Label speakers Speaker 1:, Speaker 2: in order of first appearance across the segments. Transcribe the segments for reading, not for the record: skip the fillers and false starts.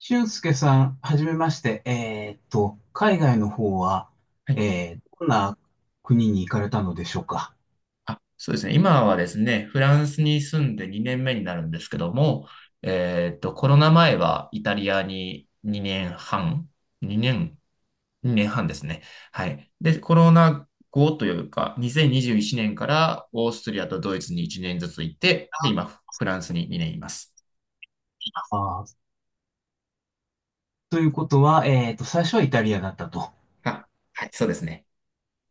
Speaker 1: 俊介さん、はじめまして。海外の方は、
Speaker 2: はい。
Speaker 1: どんな国に行かれたのでしょうか。
Speaker 2: あ、そうですね。今はですね、フランスに住んで2年目になるんですけども、コロナ前はイタリアに2年半、2年、2年半ですね。はい。で、コロナ後というか、2021年からオーストリアとドイツに1年ずつ行って、で、今、フランスに2年います。
Speaker 1: あーということは、最初はイタリアだったと。
Speaker 2: あ、はい、そうですね。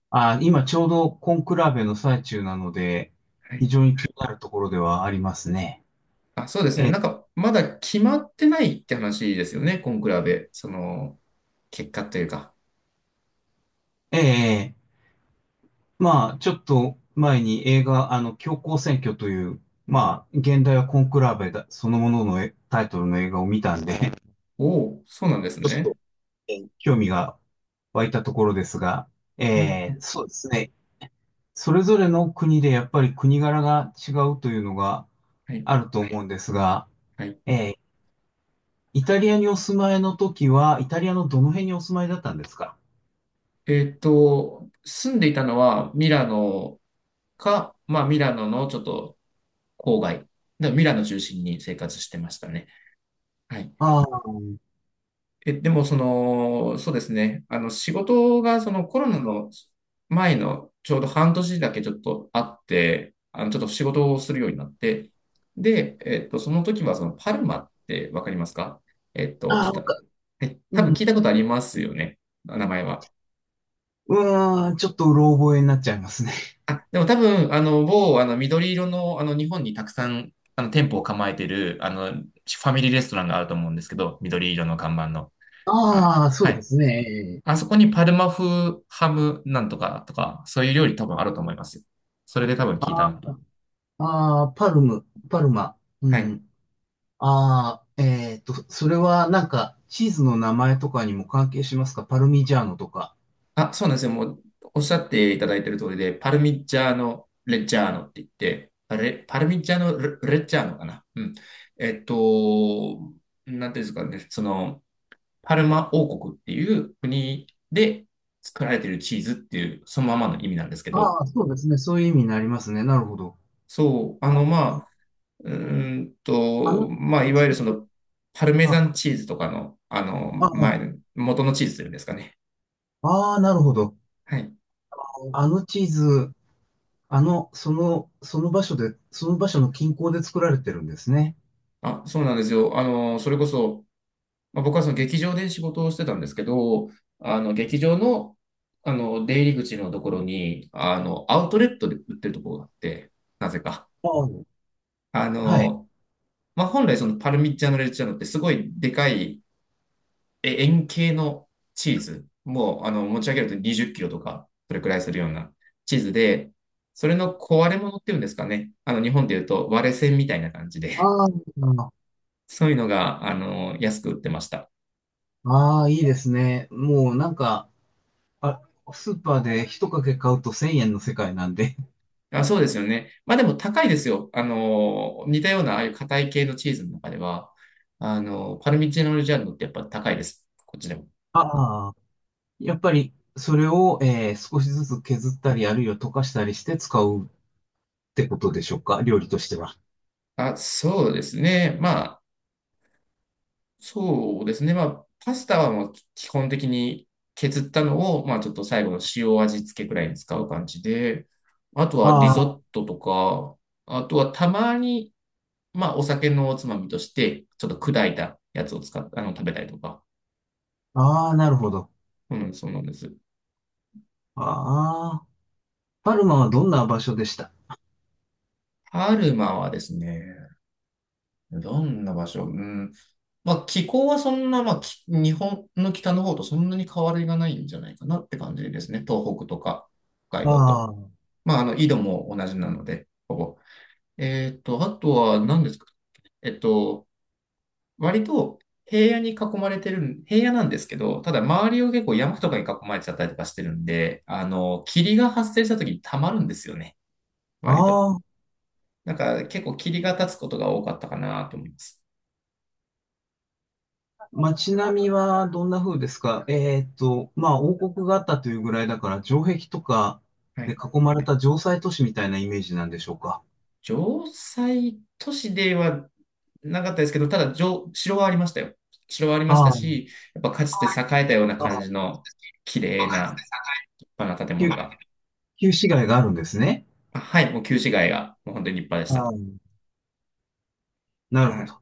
Speaker 1: あー、今ちょうどコンクラベの最中なので、
Speaker 2: はい。
Speaker 1: 非常に気になるところではありますね。
Speaker 2: あ、そうですね。なんか、まだ決まってないって話ですよね、コンクラベ。その、結果というか。
Speaker 1: ええ。まあ、ちょっと前に映画、あの、教皇選挙という、まあ、現代はコンクラベだ、そのもののタイトルの映画を見たんで、
Speaker 2: おお、そうなんです
Speaker 1: ちょっ
Speaker 2: ね。
Speaker 1: 興味が湧いたところですが、
Speaker 2: うんうん。
Speaker 1: そうですね。それぞれの国でやっぱり国柄が違うというのが
Speaker 2: はい。
Speaker 1: あると思うんですが、
Speaker 2: はい。
Speaker 1: えーイタリアにお住まいの時は、イタリアのどの辺にお住まいだったんですか？
Speaker 2: 住んでいたのはミラノか、まあミラノのちょっと郊外、でミラノ中心に生活してましたね。はい。
Speaker 1: ああ。
Speaker 2: え、でもその、そうですね。あの、仕事がそのコロナの前のちょうど半年だけちょっとあって、あの、ちょっと仕事をするようになって、で、その時はそのパルマってわかりますか？えっと、
Speaker 1: あ
Speaker 2: ち
Speaker 1: あ、
Speaker 2: 多
Speaker 1: う
Speaker 2: 分
Speaker 1: ん、
Speaker 2: 聞いたことありますよね。名前は。
Speaker 1: うーん、ちょっとうろ覚えになっちゃいますね。
Speaker 2: あ、でも多分、あの、某、あの、緑色の、あの、日本にたくさん、あの、店舗を構えてる、あの、ファミリーレストランがあると思うんですけど、緑色の看板の。あ、
Speaker 1: ああ、
Speaker 2: は
Speaker 1: そうで
Speaker 2: い。
Speaker 1: すね。
Speaker 2: あそこにパルマ風ハムなんとかとか、そういう料理多分あると思います。それで多分聞いたのかな。
Speaker 1: ああ、パルム、パルマ。う
Speaker 2: はい。
Speaker 1: ん。ああ、えっと、それはなんか、チーズの名前とかにも関係しますか？パルミジャーノとか。
Speaker 2: あ、そうなんですよ。もう、おっしゃっていただいてる通りで、パルミッジャーノ・レッジャーノって言って、あれ、パルミッジャーノ・レッジャーノかな。うん。えっと、なんていうんですかね、その、パルマ王国っていう国で作られているチーズっていう、そのままの意味なんですけど、
Speaker 1: ああ、そうですね。そういう意味になりますね。なるほど。
Speaker 2: そう、あの、まあ、うー
Speaker 1: あのチ
Speaker 2: ま
Speaker 1: ー
Speaker 2: あ、
Speaker 1: ズ
Speaker 2: い
Speaker 1: を
Speaker 2: わゆ
Speaker 1: 作
Speaker 2: る
Speaker 1: っ
Speaker 2: そ
Speaker 1: てる。
Speaker 2: の、パルメザ
Speaker 1: あ、
Speaker 2: ンチーズとかの、あの、前
Speaker 1: あ、
Speaker 2: の、元のチーズというんですかね。
Speaker 1: ああ、なるほど。
Speaker 2: はい。
Speaker 1: あのチーズ、あの、その、その場所で、その場所の近郊で作られてるんですね。
Speaker 2: あ、そうなんですよ。あの、それこそ、まあ、僕はその劇場で仕事をしてたんですけど、あの、劇場の、あの、出入り口のところに、あの、アウトレットで売ってるところがあって、なぜか。
Speaker 1: ああ、
Speaker 2: あ
Speaker 1: はい。
Speaker 2: の、まあ、本来そのパルミジャーノ・レッジャーノってすごいでかい円形のチーズ。もうあの持ち上げると20キロとか、それくらいするようなチーズで、それの壊れ物っていうんですかね。あの日本で言うと割れ線みたいな感じで、
Speaker 1: ああ、
Speaker 2: そういうのがあの安く売ってました。
Speaker 1: ああ、いいですね。もうなんか、あ、スーパーで一かけ買うと1000円の世界なんで。
Speaker 2: あ、そうですよね。まあでも高いですよ。あの、似たようなああいう硬い系のチーズの中では、あの、パルミジャーノ・レッジャーノってやっぱ高いです。こっちでも。
Speaker 1: ああ。やっぱり、それを、少しずつ削ったり、あるいは溶かしたりして使うってことでしょうか？料理としては。
Speaker 2: あ、そうですね。まあそうですね。まあ、パスタはもう基本的に削ったのを、まあ、ちょっと最後の塩味付けくらいに使う感じで、あとはリ
Speaker 1: あ
Speaker 2: ゾッ
Speaker 1: あ、
Speaker 2: トとか、あとはたまに、まあ、お酒のおつまみとして、ちょっと砕いたやつを使っあの、食べたりとか。
Speaker 1: ああ、なるほど。
Speaker 2: うん、そうなんです。
Speaker 1: ああ、パルマはどんな場所でした？
Speaker 2: パルマはですね、どんな場所。うん。まあ、気候はそんな、まあ、日本の北の方とそんなに変わりがないんじゃないかなって感じですね。東北とか、北海道
Speaker 1: あ
Speaker 2: と。
Speaker 1: あ、
Speaker 2: まあ、あの、緯度も同じなので、ほぼ。あとは何ですか？えっと、割と平野に囲まれてる、平野なんですけど、ただ周りを結構山とかに囲まれちゃったりとかしてるんで、あの、霧が発生した時に溜まるんですよね、割と。
Speaker 1: ああ、
Speaker 2: だから結構霧が立つことが多かったかなと思います。
Speaker 1: 街並みはどんな風ですか？まあ、王国があったというぐらいだから、城壁とか
Speaker 2: は
Speaker 1: で
Speaker 2: い。
Speaker 1: 囲まれた城塞都市みたいなイメージなんでしょうか？
Speaker 2: 城西都市ではなかったですけど、ただ、城はありましたよ。城はありました
Speaker 1: ああ、
Speaker 2: し、やっぱかつて栄えたような
Speaker 1: あ
Speaker 2: 感じ
Speaker 1: あ。
Speaker 2: の綺麗な立派な建
Speaker 1: 旧、
Speaker 2: 物が。
Speaker 1: 旧市街があるんですね。
Speaker 2: あはい、もう旧市街がもう本当に立派でし
Speaker 1: あ
Speaker 2: た。
Speaker 1: あ、な
Speaker 2: は
Speaker 1: るほ
Speaker 2: い。
Speaker 1: ど。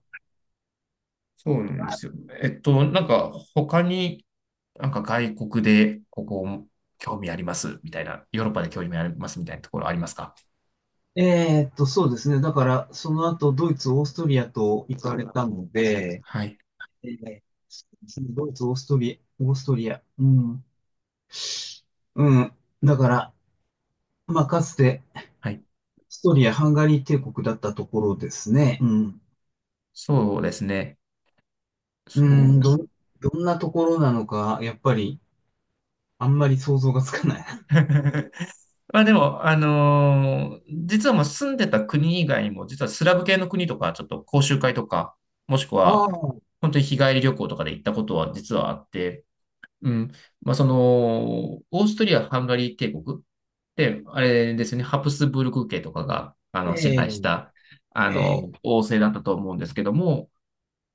Speaker 2: そうなんですよ。なんか他に、なんか外国でここ興味ありますみたいな、ヨーロッパで興味ありますみたいなところありますか？
Speaker 1: そうですね。だから、その後、ドイツ、オーストリアと行かれたので、
Speaker 2: はい。
Speaker 1: えードイツ、オーストリア、オーストリア、うん、うん。だから、まあ、かつて、オー
Speaker 2: はい。
Speaker 1: ストリア、ハンガリー帝国だったところですね。うん。
Speaker 2: そうですね。
Speaker 1: う
Speaker 2: そ
Speaker 1: ん、ど、
Speaker 2: う。
Speaker 1: どんなところなのか、やっぱり、あんまり想像がつかない。
Speaker 2: まあでも、実はもう住んでた国以外にも、実はスラブ系の国とか、ちょっと講習会とか、もしく
Speaker 1: あ
Speaker 2: は、
Speaker 1: あ、
Speaker 2: 本当に日帰り旅行とかで行ったことは実はあって、うん。まあその、オーストリア、ハンガリー帝国って、あれですね、ハプスブルク家とかが、あの、支配し
Speaker 1: え
Speaker 2: た、あ
Speaker 1: え。
Speaker 2: の、
Speaker 1: ええ。
Speaker 2: 王政だったと思うんですけども、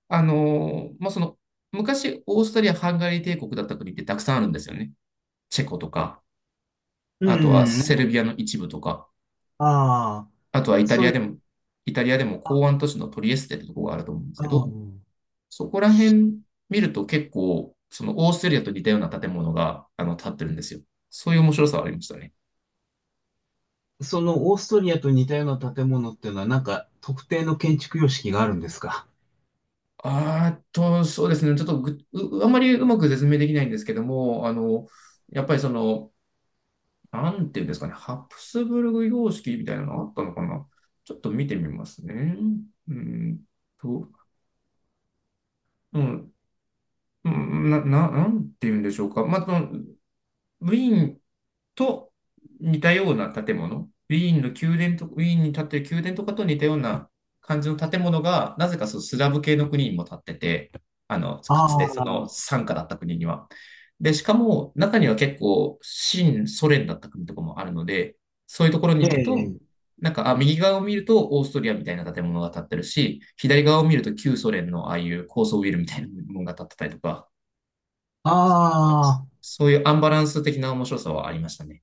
Speaker 2: まあその、昔、オーストリア、ハンガリー帝国だった国ってたくさんあるんですよね。チェコとか。
Speaker 1: う
Speaker 2: あとは
Speaker 1: ん、
Speaker 2: セルビアの一部とか、
Speaker 1: ああ、
Speaker 2: あとは
Speaker 1: そういう、
Speaker 2: イタリアでも港湾都市のトリエステってとこがあると思うんです
Speaker 1: あ
Speaker 2: け
Speaker 1: あ。
Speaker 2: ど、そこら辺見ると結構、そのオーストリアと似たような建物が、あの、建ってるんですよ。そういう面白さはありましたね。
Speaker 1: そのオーストリアと似たような建物っていうのは、なんか特定の建築様式があるんですか？
Speaker 2: あーっと、そうですね。ちょっとぐ、うあまりうまく説明できないんですけども、あの、やっぱりその、なんていうんですかね、ハプスブルグ様式みたいなのあったのかな。ちょっと見てみますね。うんと、うん、なんて言うんでしょうか。まあ、その、ウィーンと似たような建物、ウィーンの宮殿と、ウィーンに建ってる宮殿とかと似たような感じの建物が、なぜかそのスラブ系の国にも建ってて、あの、
Speaker 1: あ
Speaker 2: かつてそ
Speaker 1: あ、
Speaker 2: の傘下だった国には。で、しかも中には結構、新ソ連だった国とかもあるので、そういうところに
Speaker 1: え
Speaker 2: 行くと、
Speaker 1: え、
Speaker 2: なんか、あ、右側を見るとオーストリアみたいな建物が建ってるし、左側を見ると旧ソ連のああいう高層ビルみたいなものが建ってたりとか、
Speaker 1: ああ、
Speaker 2: そういうアンバランス的な面白さはありましたね。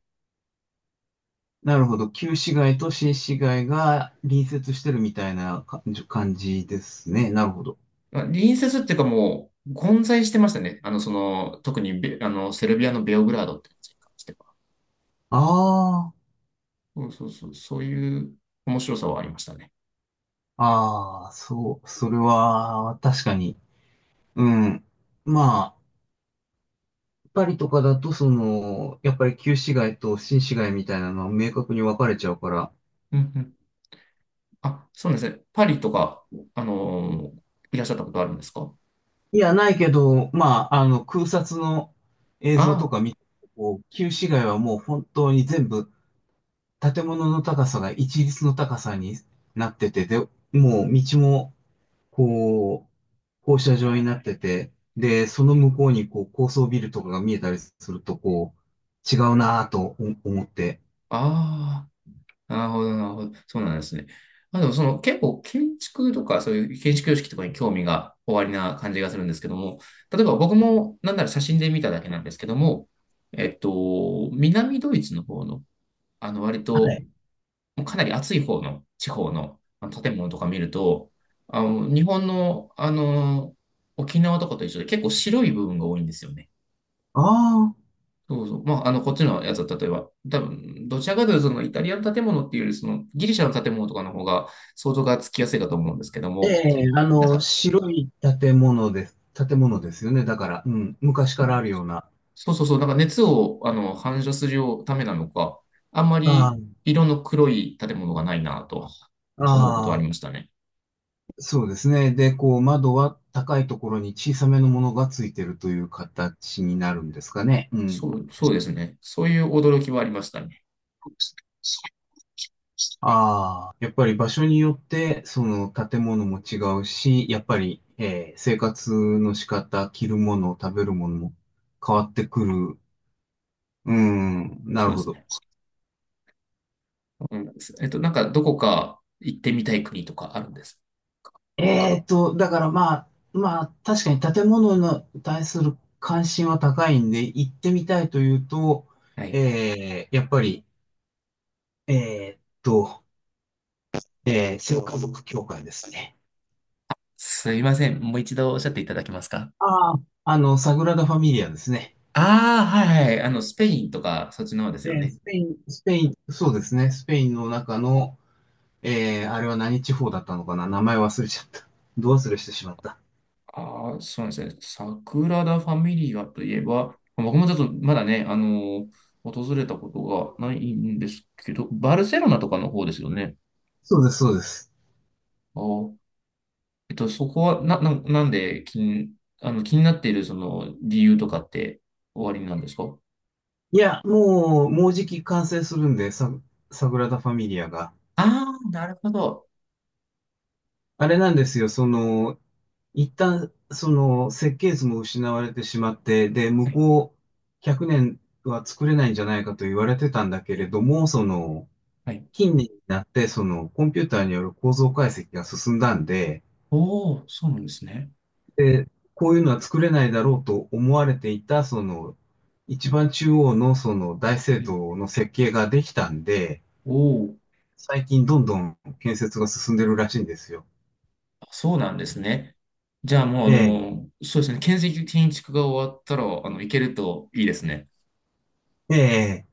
Speaker 1: なるほど。旧市街と新市街が隣接してるみたいなか感じですね。なるほど。
Speaker 2: まあ隣接っていうかもう、混在してましたね。あの、その、特にあの、セルビアのベオグラードって街に関しては。
Speaker 1: あ
Speaker 2: そうそうそう、そういう面白さはありましたね。
Speaker 1: あ、ああ、そう、それは確かに。うん。まあ、パリとかだと、その、やっぱり旧市街と新市街みたいなのは明確に分かれちゃうから。
Speaker 2: うんうん。あ、そうなんですね。パリとか、あのーいらっしゃったことあるんですか？
Speaker 1: いや、ないけど、まあ、あの、空撮の映像と
Speaker 2: あ
Speaker 1: か見て、こう、旧市街はもう本当に全部建物の高さが一律の高さになってて、で、もう道も、こう、放射状になってて、で、その向こうにこう高層ビルとかが見えたりすると、こう、違うなぁと思って。
Speaker 2: あ、ああ。なるほど、なるほど。そうなんですね。あ、でもその結構建築とかそういう建築様式とかに興味がおありな感じがするんですけども、例えば僕もなんなら写真で見ただけなんですけども、南ドイツの方の、あの割
Speaker 1: は
Speaker 2: と
Speaker 1: い。
Speaker 2: もうかなり暑い方の地方のあの建物とか見ると、あの日本の、あの沖縄とかと一緒で結構白い部分が多いんですよね。
Speaker 1: ああ、
Speaker 2: そうそう。まあ、あの、こっちのやつは、例えば、多分、どちらかというと、そのイタリアの建物っていうより、そのギリシャの建物とかの方が想像がつきやすいかと思うんですけど
Speaker 1: え
Speaker 2: も、
Speaker 1: え、あ
Speaker 2: なん
Speaker 1: の、
Speaker 2: か、
Speaker 1: 白い建物です。建物ですよね。だから、うん、昔からあるような。
Speaker 2: そうそうそうそう、なんか熱をあの反射するためなのか、あんま
Speaker 1: あ
Speaker 2: り色の黒い建物がないなと
Speaker 1: あ、
Speaker 2: 思うことはあ
Speaker 1: あ
Speaker 2: り
Speaker 1: あ。
Speaker 2: ましたね。
Speaker 1: そうですね。で、こう、窓は高いところに小さめのものがついてるという形になるんですかね。う
Speaker 2: そ
Speaker 1: ん。
Speaker 2: う、そうですね。そういう驚きはありましたね。
Speaker 1: ああ、やっぱり場所によって、その建物も違うし、やっぱり、生活の仕方、着るもの、食べるものも変わってくる。うん、な
Speaker 2: そ
Speaker 1: る
Speaker 2: うで
Speaker 1: ほ
Speaker 2: す
Speaker 1: ど。
Speaker 2: ね。うん、なんか、どこか行ってみたい国とかあるんです。
Speaker 1: えーと、だからまあ、まあ、確かに建物に対する関心は高いんで、行ってみたいというと、
Speaker 2: はい。
Speaker 1: やっぱり、えーっと、聖家族教会ですね。
Speaker 2: すいません。もう一度おっしゃっていただけますか？
Speaker 1: ああ、あの、サグラダ・ファミリアですね。
Speaker 2: ああ、はいはい。あの、スペインとか、そっちの方ですよ
Speaker 1: ね、
Speaker 2: ね。
Speaker 1: スペイン、スペイン、そうですね。スペインの中の、あれは何地方だったのかな？名前忘れちゃった。ど忘れしてしまった。
Speaker 2: ああ、そうなんですね。サグラダ・ファミリアといえば、僕もちょっとまだね、訪れたことがないんですけど、バルセロナとかの方ですよね。
Speaker 1: そうです、そうです。
Speaker 2: あー、そこは、なんで気になっているその理由とかっておありなんですか？
Speaker 1: いや、もう、もうじき完成するんで、サ、サグラダ・ファミリアが。
Speaker 2: ああー、なるほど。
Speaker 1: あれなんですよ、その、一旦、その、設計図も失われてしまって、で、
Speaker 2: は
Speaker 1: 向
Speaker 2: い、
Speaker 1: こう100年は作れないんじゃないかと言われてたんだけれども、その、
Speaker 2: はい。
Speaker 1: 近年になって、そのコンピューターによる構造解析が進んだんで、
Speaker 2: おお、そうなんですね。
Speaker 1: で、こういうのは作れないだろうと思われていた、その、一番中央のその大聖
Speaker 2: はい。
Speaker 1: 堂の設計ができたんで、
Speaker 2: おお。
Speaker 1: 最近どんどん建設が進んでるらしいんですよ。
Speaker 2: そうなんですね。じゃあもう、あ
Speaker 1: ええ、
Speaker 2: の、そうですね。建設的に建築が終わったら、あの、行けるといいですね。
Speaker 1: ええ。